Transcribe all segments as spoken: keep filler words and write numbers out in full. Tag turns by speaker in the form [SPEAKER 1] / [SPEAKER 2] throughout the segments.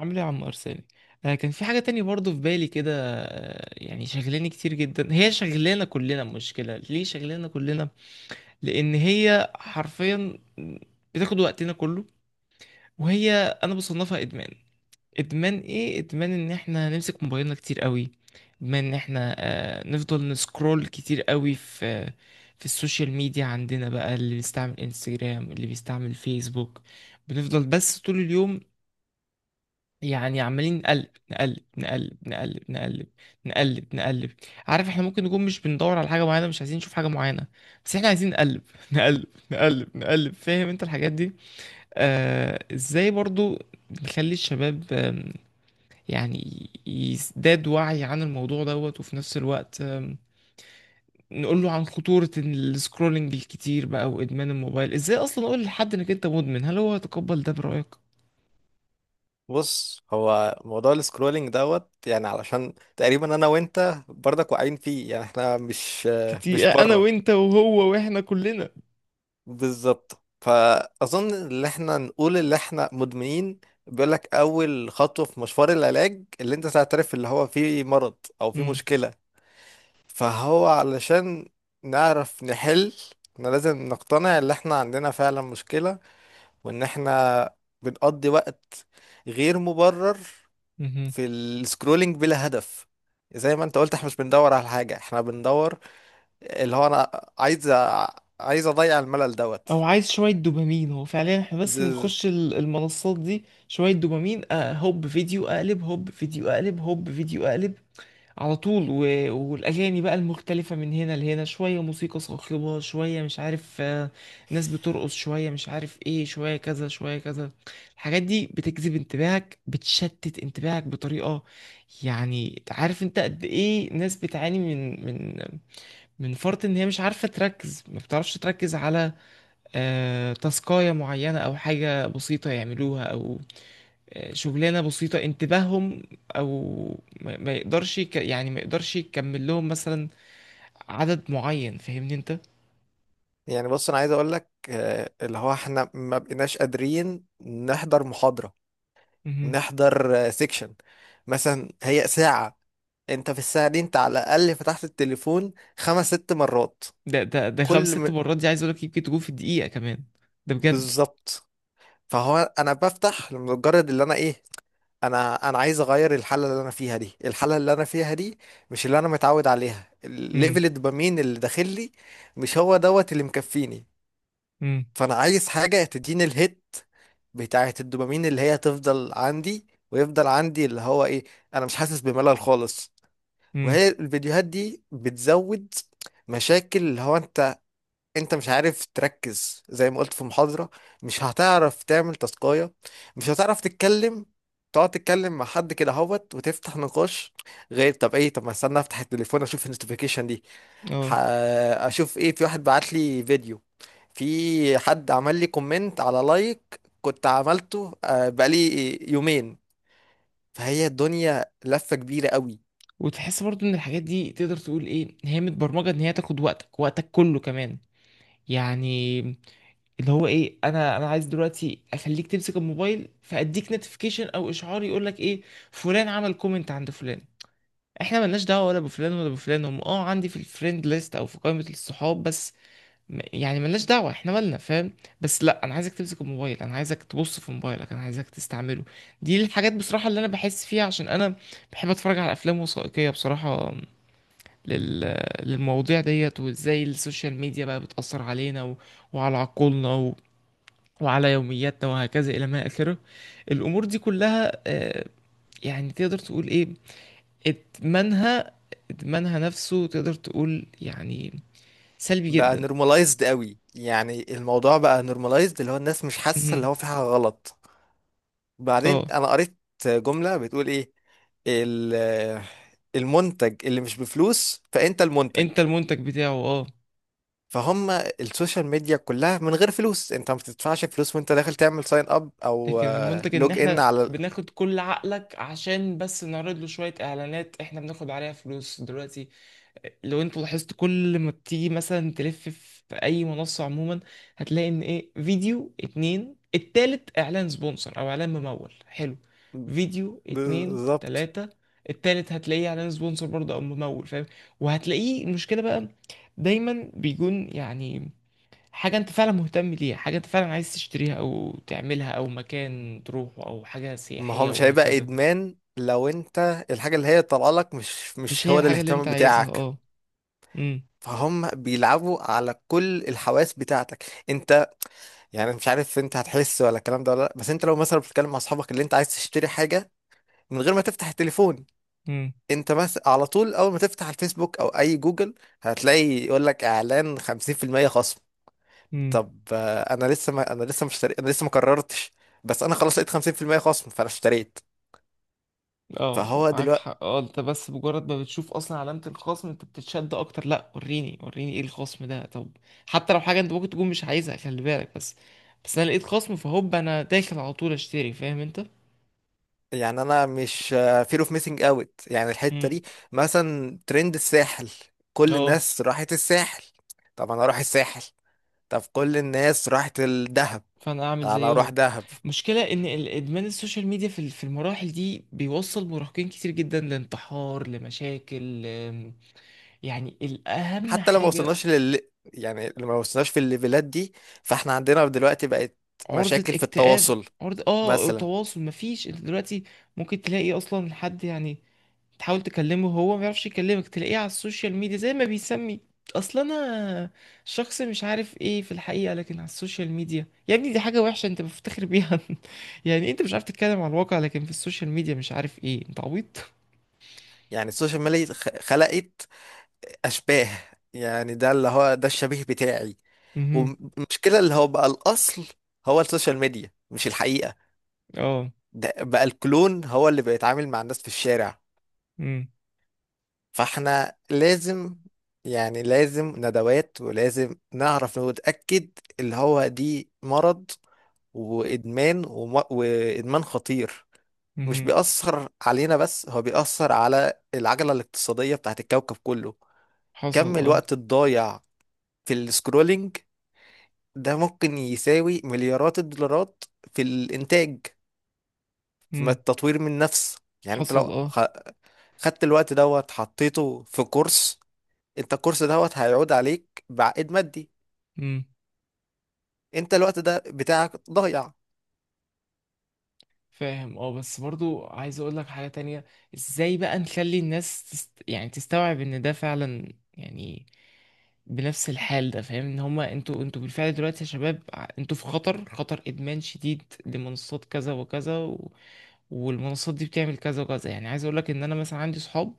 [SPEAKER 1] عامل ايه يا عم ارساني؟ آه كان في حاجه تانية برضو في بالي كده. آه يعني شغلاني كتير جدا، هي شغلانه كلنا، مشكله ليه شغلانه كلنا؟ لان هي حرفيا بتاخد وقتنا كله. وهي، انا بصنفها ادمان. ادمان ايه؟ ادمان ان احنا نمسك موبايلنا كتير قوي، ادمان ان احنا آه نفضل نسكرول كتير قوي في في السوشيال ميديا. عندنا بقى، اللي بيستعمل انستجرام، اللي بيستعمل فيسبوك، بنفضل بس طول اليوم، يعني عمالين نقلب نقلب نقلب نقلب نقلب نقلب نقلب. عارف احنا ممكن نكون مش بندور على حاجة معينة، مش عايزين نشوف حاجة معينة، بس احنا عايزين نقلب نقلب نقلب نقلب. فاهم انت الحاجات دي؟ آه ازاي برضو نخلي الشباب، آم، يعني يزداد وعي عن الموضوع دوت، وفي نفس الوقت آم، نقول له عن خطورة السكرولنج الكتير بقى وإدمان الموبايل. ازاي اصلا اقول لحد انك انت مدمن؟ هل هو يتقبل ده برأيك؟
[SPEAKER 2] بص، هو موضوع السكرولينج دوت، يعني علشان تقريبا انا وانت برضك واقعين فيه. يعني احنا مش
[SPEAKER 1] كتير،
[SPEAKER 2] مش
[SPEAKER 1] انا
[SPEAKER 2] بره.
[SPEAKER 1] وانت وهو واحنا كلنا.
[SPEAKER 2] بالظبط، فاظن ان احنا نقول اللي احنا مدمنين. بيقول لك اول خطوه في مشوار العلاج اللي انت تعترف اللي هو في مرض او في مشكله. فهو علشان نعرف نحل، احنا لازم نقتنع ان احنا عندنا فعلا مشكله، وان احنا بنقضي وقت غير مبرر
[SPEAKER 1] مهم.
[SPEAKER 2] في السكرولينج بلا هدف. زي ما انت قلت احنا مش بندور على حاجة، احنا بندور اللي هو انا عايز أ- عايز اضيع الملل دوت.
[SPEAKER 1] او عايز شويه دوبامين، هو فعليا احنا بس
[SPEAKER 2] بز...
[SPEAKER 1] بنخش ال- المنصات دي شويه دوبامين، أه، هوب فيديو اقلب، هوب فيديو اقلب، هوب فيديو اقلب على طول و... والاغاني بقى المختلفه من هنا لهنا، شويه موسيقى صاخبه، شويه مش عارف، آه، ناس بترقص، شويه مش عارف ايه، شويه كذا شويه كذا. الحاجات دي بتجذب انتباهك، بتشتت انتباهك بطريقه يعني. عارف انت قد ايه ناس بتعاني من من من فرط ان هي مش عارفه تركز، ما بتعرفش تركز على آه، تاسكاية معينة أو حاجة بسيطة يعملوها، أو آه، شغلانة بسيطة انتباههم، أو ما ما يقدرش يك- يعني ما يقدرش يكمل لهم مثلا عدد معين. فاهمني أنت؟
[SPEAKER 2] يعني بص، انا عايز اقول لك آه، اللي هو احنا ما بقيناش قادرين نحضر محاضرة،
[SPEAKER 1] مهم.
[SPEAKER 2] نحضر سيكشن مثلا. هي ساعة، انت في الساعة دي انت على الأقل فتحت التليفون خمس ست مرات.
[SPEAKER 1] ده ده ده خمس
[SPEAKER 2] كل
[SPEAKER 1] ست
[SPEAKER 2] م...
[SPEAKER 1] مرات دي، عايز أقولك يمكن تكون في الدقيقة كمان. ده بجد.
[SPEAKER 2] بالظبط. فهو انا بفتح لمجرد اللي انا ايه، انا انا عايز اغير الحاله اللي انا فيها دي. الحاله اللي انا فيها دي مش اللي انا متعود عليها،
[SPEAKER 1] مم.
[SPEAKER 2] الليفل الدوبامين اللي داخل لي مش هو دوت اللي مكفيني.
[SPEAKER 1] مم.
[SPEAKER 2] فانا عايز حاجه تديني الهيت بتاعه الدوبامين اللي هي تفضل عندي، ويفضل عندي اللي هو ايه، انا مش حاسس بملل خالص.
[SPEAKER 1] مم.
[SPEAKER 2] وهي الفيديوهات دي بتزود مشاكل اللي هو انت، انت مش عارف تركز زي ما قلت في محاضرة. مش هتعرف تعمل تاسكاية، مش هتعرف تتكلم، تقعد تتكلم مع حد كده هوت وتفتح نقاش. غير طب ايه، طب ما استنى افتح التليفون اشوف النوتيفيكيشن دي. ح-
[SPEAKER 1] اه.
[SPEAKER 2] اشوف ايه. في واحد بعت لي فيديو، في حد عمل لي كومنت على لايك كنت عملته آه، بقالي يومين. فهي الدنيا لفة كبيرة قوي.
[SPEAKER 1] وتحس برضو إن الحاجات دي تقدر تقول إيه، هي متبرمجة إن هي تاخد وقتك وقتك كله كمان. يعني اللي هو ايه، انا انا عايز دلوقتي اخليك تمسك الموبايل، فاديك نوتيفيكيشن او اشعار يقول لك ايه، فلان عمل كومنت عند فلان. احنا ملناش دعوه ولا بفلان ولا بفلان، هم اه عندي في الفريند ليست او في قائمه الصحاب بس. م- يعني ملناش دعوه، احنا مالنا، فاهم؟ بس لا، انا عايزك تمسك الموبايل، انا عايزك تبص في موبايلك، انا عايزك تستعمله. دي الحاجات بصراحه اللي انا بحس فيها، عشان انا بحب اتفرج على افلام وثائقيه بصراحه لل... للمواضيع ديت، وازاي السوشيال ميديا بقى بتاثر علينا و... وعلى عقولنا وعلى يومياتنا وهكذا إلى ما آخره. الأمور دي كلها آه، يعني تقدر تقول إيه، إدمانها، إدمانها نفسه تقدر تقول يعني سلبي
[SPEAKER 2] بقى
[SPEAKER 1] جدا.
[SPEAKER 2] نورماليزد قوي. يعني الموضوع بقى نورماليزد، اللي هو الناس مش حاسة اللي
[SPEAKER 1] مهم.
[SPEAKER 2] هو في حاجة غلط.
[SPEAKER 1] اه.
[SPEAKER 2] بعدين انا قريت جملة بتقول ايه، ال- المنتج اللي مش بفلوس فانت المنتج.
[SPEAKER 1] انت المنتج بتاعه، اه.
[SPEAKER 2] فهم السوشيال ميديا كلها من غير فلوس، انت ما بتدفعش فلوس وانت داخل تعمل ساين اب او
[SPEAKER 1] لكن المنتج ان
[SPEAKER 2] لوج ان
[SPEAKER 1] احنا
[SPEAKER 2] على ال-
[SPEAKER 1] بناخد كل عقلك عشان بس نعرض له شوية اعلانات احنا بناخد عليها فلوس دلوقتي. لو انتوا لاحظتوا كل ما بتيجي مثلا تلف في اي منصة عموما، هتلاقي ان ايه، فيديو اتنين التالت اعلان سبونسر او اعلان ممول، حلو. فيديو اتنين
[SPEAKER 2] بالظبط.
[SPEAKER 1] تلاتة، التالت هتلاقيه اعلان سبونسر برضه او ممول، فاهم؟ وهتلاقيه المشكلة بقى دايما بيكون يعني حاجة انت فعلا مهتم ليها، حاجة انت فعلا عايز تشتريها او تعملها او مكان تروحه او حاجة
[SPEAKER 2] ما هو
[SPEAKER 1] سياحية
[SPEAKER 2] مش هيبقى
[SPEAKER 1] وهكذا.
[SPEAKER 2] ادمان لو انت الحاجة اللي هي طالعه لك مش
[SPEAKER 1] مش
[SPEAKER 2] مش
[SPEAKER 1] هي
[SPEAKER 2] هو ده
[SPEAKER 1] الحاجة اللي انت
[SPEAKER 2] الاهتمام
[SPEAKER 1] عايزها،
[SPEAKER 2] بتاعك.
[SPEAKER 1] اه. امم.
[SPEAKER 2] فهم بيلعبوا على كل الحواس بتاعتك انت. يعني مش عارف انت هتحس ولا الكلام ده ولا لا، بس انت لو مثلا بتتكلم مع اصحابك اللي انت عايز تشتري حاجه من غير ما تفتح التليفون، انت مثلا على طول اول ما تفتح الفيسبوك او اي جوجل هتلاقي يقول لك اعلان خمسين في المية خصم.
[SPEAKER 1] امم.
[SPEAKER 2] طب آه، انا لسه ما انا لسه مش اشتري... انا لسه ما قررتش، بس انا خلاص لقيت خمسين في المية خصم فانا اشتريت.
[SPEAKER 1] اه
[SPEAKER 2] فهو
[SPEAKER 1] معاك
[SPEAKER 2] دلوقتي
[SPEAKER 1] حق، اه. انت بس مجرد ما بتشوف اصلا علامة الخصم انت بتتشد اكتر، لا وريني وريني ايه الخصم ده. طب حتى لو حاجة انت ممكن تكون مش عايزها، خلي بالك. بس بس انا لقيت خصم، فهوب انا داخل على طول اشتري، فاهم انت؟
[SPEAKER 2] يعني انا مش فير اوف ميسنج اوت، يعني الحته
[SPEAKER 1] امم.
[SPEAKER 2] دي. مثلا ترند الساحل، كل
[SPEAKER 1] اه.
[SPEAKER 2] الناس راحت الساحل، طب انا اروح الساحل. طب كل الناس راحت الدهب،
[SPEAKER 1] فانا اعمل
[SPEAKER 2] انا اروح
[SPEAKER 1] زيهم.
[SPEAKER 2] دهب.
[SPEAKER 1] المشكلة ان ال- ادمان السوشيال ميديا في ال- في المراحل دي بيوصل مراهقين كتير جدا لانتحار، لمشاكل، لم- يعني الاهم
[SPEAKER 2] حتى لو ما
[SPEAKER 1] حاجة.
[SPEAKER 2] وصلناش لل يعني لو ما وصلناش في الليفلات دي، فاحنا عندنا دلوقتي بقت
[SPEAKER 1] عرضة
[SPEAKER 2] مشاكل في
[SPEAKER 1] اكتئاب.
[SPEAKER 2] التواصل
[SPEAKER 1] عرضة اه،
[SPEAKER 2] مثلا.
[SPEAKER 1] تواصل مفيش. انت دلوقتي ممكن تلاقي اصلا حد، يعني تحاول تكلمه هو ما يعرفش يكلمك، تلاقيه على السوشيال ميديا زي ما بيسمي، اصل انا شخص مش عارف ايه في الحقيقة، لكن على السوشيال ميديا يا ابني دي حاجة وحشة انت مفتخر بيها. يعني انت مش عارف تتكلم على الواقع، لكن في السوشيال ميديا مش عارف ايه، انت عبيط.
[SPEAKER 2] يعني السوشيال ميديا خ- خلقت اشباه. يعني ده اللي هو ده الشبيه بتاعي،
[SPEAKER 1] مهم.
[SPEAKER 2] والمشكلة اللي هو بقى الاصل هو السوشيال ميديا مش الحقيقة.
[SPEAKER 1] اه.
[SPEAKER 2] ده بقى الكلون هو اللي بيتعامل مع الناس في الشارع.
[SPEAKER 1] مم.
[SPEAKER 2] فاحنا لازم، يعني لازم ندوات، ولازم نعرف ونتأكد اللي هو دي مرض وإدمان، وم- وإدمان خطير. مش
[SPEAKER 1] مهم.
[SPEAKER 2] بيأثر علينا بس، هو بيأثر على العجلة الاقتصادية بتاعت الكوكب كله.
[SPEAKER 1] حصل
[SPEAKER 2] كم
[SPEAKER 1] اه.
[SPEAKER 2] الوقت الضايع في السكرولينج ده ممكن يساوي مليارات الدولارات في الإنتاج، في
[SPEAKER 1] مم.
[SPEAKER 2] التطوير من نفس. يعني انت
[SPEAKER 1] حصل
[SPEAKER 2] لو
[SPEAKER 1] اه.
[SPEAKER 2] خ- خدت الوقت دوت حطيته في كورس، انت الكورس دوت هيعود عليك بعائد مادي.
[SPEAKER 1] مم.
[SPEAKER 2] انت الوقت ده بتاعك ضايع.
[SPEAKER 1] فاهم اه. بس برضو عايز اقول لك حاجة تانية، ازاي بقى نخلي الناس تست... يعني تستوعب ان ده فعلا يعني بنفس الحال ده. فاهم ان هما انتوا انتوا بالفعل دلوقتي يا شباب، ع- انتوا في خطر، خطر ادمان شديد لمنصات كذا وكذا و... والمنصات دي بتعمل كذا وكذا. يعني عايز اقول لك ان انا مثلا عندي صحاب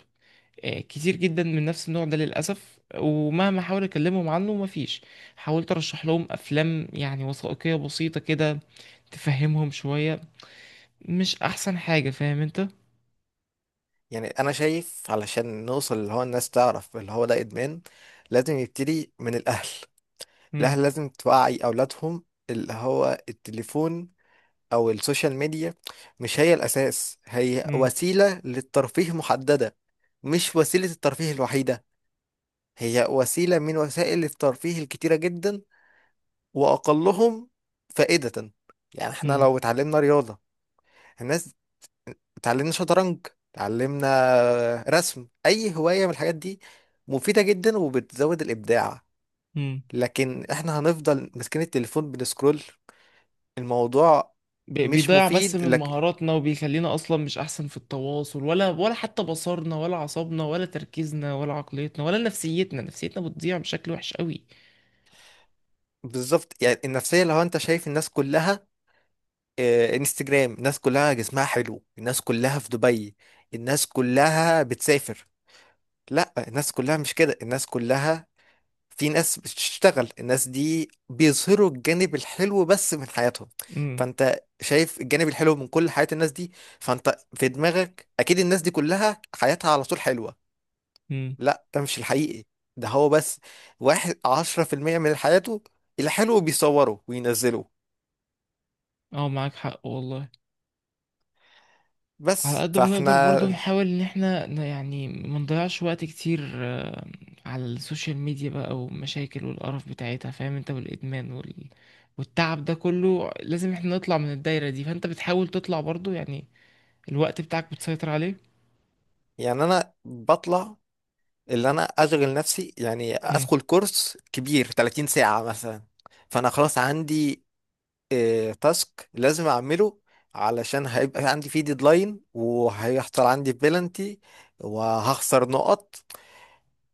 [SPEAKER 1] آه، كتير جدا من نفس النوع ده للاسف. ومهما احاول اكلمهم عنه مفيش. حاولت ارشح لهم افلام يعني وثائقية بسيطة كده تفهمهم شوية، مش احسن حاجة، فاهم انت؟
[SPEAKER 2] يعني انا شايف علشان نوصل اللي هو الناس تعرف اللي هو ده ادمان، لازم يبتدي من الاهل.
[SPEAKER 1] مم.
[SPEAKER 2] الاهل لازم توعي اولادهم اللي هو التليفون او السوشيال ميديا مش هي الاساس. هي
[SPEAKER 1] مم.
[SPEAKER 2] وسيلة للترفيه محددة، مش وسيلة الترفيه الوحيدة. هي وسيلة من وسائل الترفيه الكتيرة جدا، واقلهم فائدة. يعني احنا
[SPEAKER 1] مم.
[SPEAKER 2] لو اتعلمنا رياضة، الناس، اتعلمنا شطرنج، اتعلمنا رسم، اي هواية من الحاجات دي مفيدة جدا وبتزود الابداع.
[SPEAKER 1] مم.
[SPEAKER 2] لكن احنا هنفضل ماسكين التليفون بنسكرول الموضوع.
[SPEAKER 1] بي-
[SPEAKER 2] مش
[SPEAKER 1] بيضيع بس
[SPEAKER 2] مفيد
[SPEAKER 1] من
[SPEAKER 2] لك.
[SPEAKER 1] مهاراتنا، وبيخلينا اصلا مش احسن في التواصل، ولا ولا حتى بصرنا ولا عصبنا ولا تركيزنا ولا عقليتنا ولا نفسيتنا. نفسيتنا بتضيع بشكل وحش قوي.
[SPEAKER 2] بالظبط. يعني النفسية، لو انت شايف الناس كلها آه، انستجرام، الناس كلها جسمها حلو، الناس كلها في دبي، الناس كلها بتسافر. لا، الناس كلها مش كده. الناس كلها في ناس بتشتغل، الناس دي بيظهروا الجانب الحلو بس من حياتهم.
[SPEAKER 1] مم.
[SPEAKER 2] فانت شايف الجانب الحلو من كل حياة الناس دي، فانت في دماغك اكيد الناس دي كلها حياتها على طول حلوة.
[SPEAKER 1] مم.
[SPEAKER 2] لا، ده مش الحقيقي. ده هو بس واحد عشرة في المية من حياته الحلو بيصوره وينزله.
[SPEAKER 1] اه معاك حق والله. على
[SPEAKER 2] بس
[SPEAKER 1] قد ما نقدر برضو
[SPEAKER 2] فاحنا
[SPEAKER 1] نحاول ان احنا ن- يعني ما نضيعش وقت كتير آه، على السوشيال ميديا بقى، والمشاكل والقرف بتاعتها، فاهم انت، والادمان وال... والتعب ده كله. لازم احنا نطلع من الدايرة دي. فانت بتحاول تطلع برضو يعني، الوقت بتاعك بتسيطر عليه.
[SPEAKER 2] يعني انا بطلع اللي انا اشغل نفسي، يعني
[SPEAKER 1] مم.
[SPEAKER 2] ادخل كورس كبير 30 ساعة مثلا، فانا خلاص عندي إيه، تاسك لازم اعمله، علشان هيبقى عندي فيه ديدلاين وهيحصل عندي بلنتي وهخسر نقط.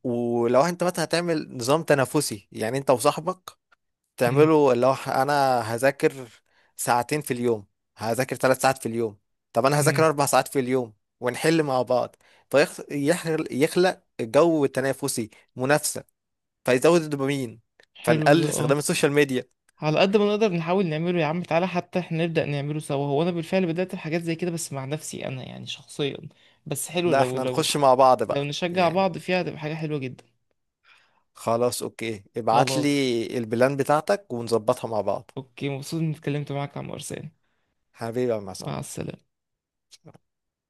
[SPEAKER 2] ولو انت مثلا هتعمل نظام تنافسي، يعني انت وصاحبك
[SPEAKER 1] مم.
[SPEAKER 2] تعملوا، لو ح- انا هذاكر ساعتين في اليوم، هذاكر ثلاث ساعات في اليوم، طب انا هذاكر
[SPEAKER 1] مم.
[SPEAKER 2] اربع ساعات في اليوم، ونحل مع بعض، فيخلق جو تنافسي، منافسة، فيزود الدوبامين،
[SPEAKER 1] حلو ده،
[SPEAKER 2] فنقلل
[SPEAKER 1] اه.
[SPEAKER 2] استخدام السوشيال ميديا.
[SPEAKER 1] على قد ما نقدر نحاول نعمله يا عم، تعالى حتى احنا نبدأ نعمله سوا. هو انا بالفعل بدأت بحاجات زي كده بس مع نفسي انا يعني شخصيا. بس حلو
[SPEAKER 2] لا
[SPEAKER 1] لو
[SPEAKER 2] احنا
[SPEAKER 1] لو
[SPEAKER 2] نخش مع بعض
[SPEAKER 1] لو
[SPEAKER 2] بقى
[SPEAKER 1] نشجع
[SPEAKER 2] يعني.
[SPEAKER 1] بعض فيها، هتبقى حاجة حلوة جدا.
[SPEAKER 2] خلاص، اوكي، ابعت
[SPEAKER 1] خلاص
[SPEAKER 2] لي البلان بتاعتك ونظبطها مع بعض.
[SPEAKER 1] اوكي، مبسوط اني اتكلمت معاك عن ارساني.
[SPEAKER 2] حبيبي يا عم
[SPEAKER 1] مع
[SPEAKER 2] عصام.
[SPEAKER 1] السلامة.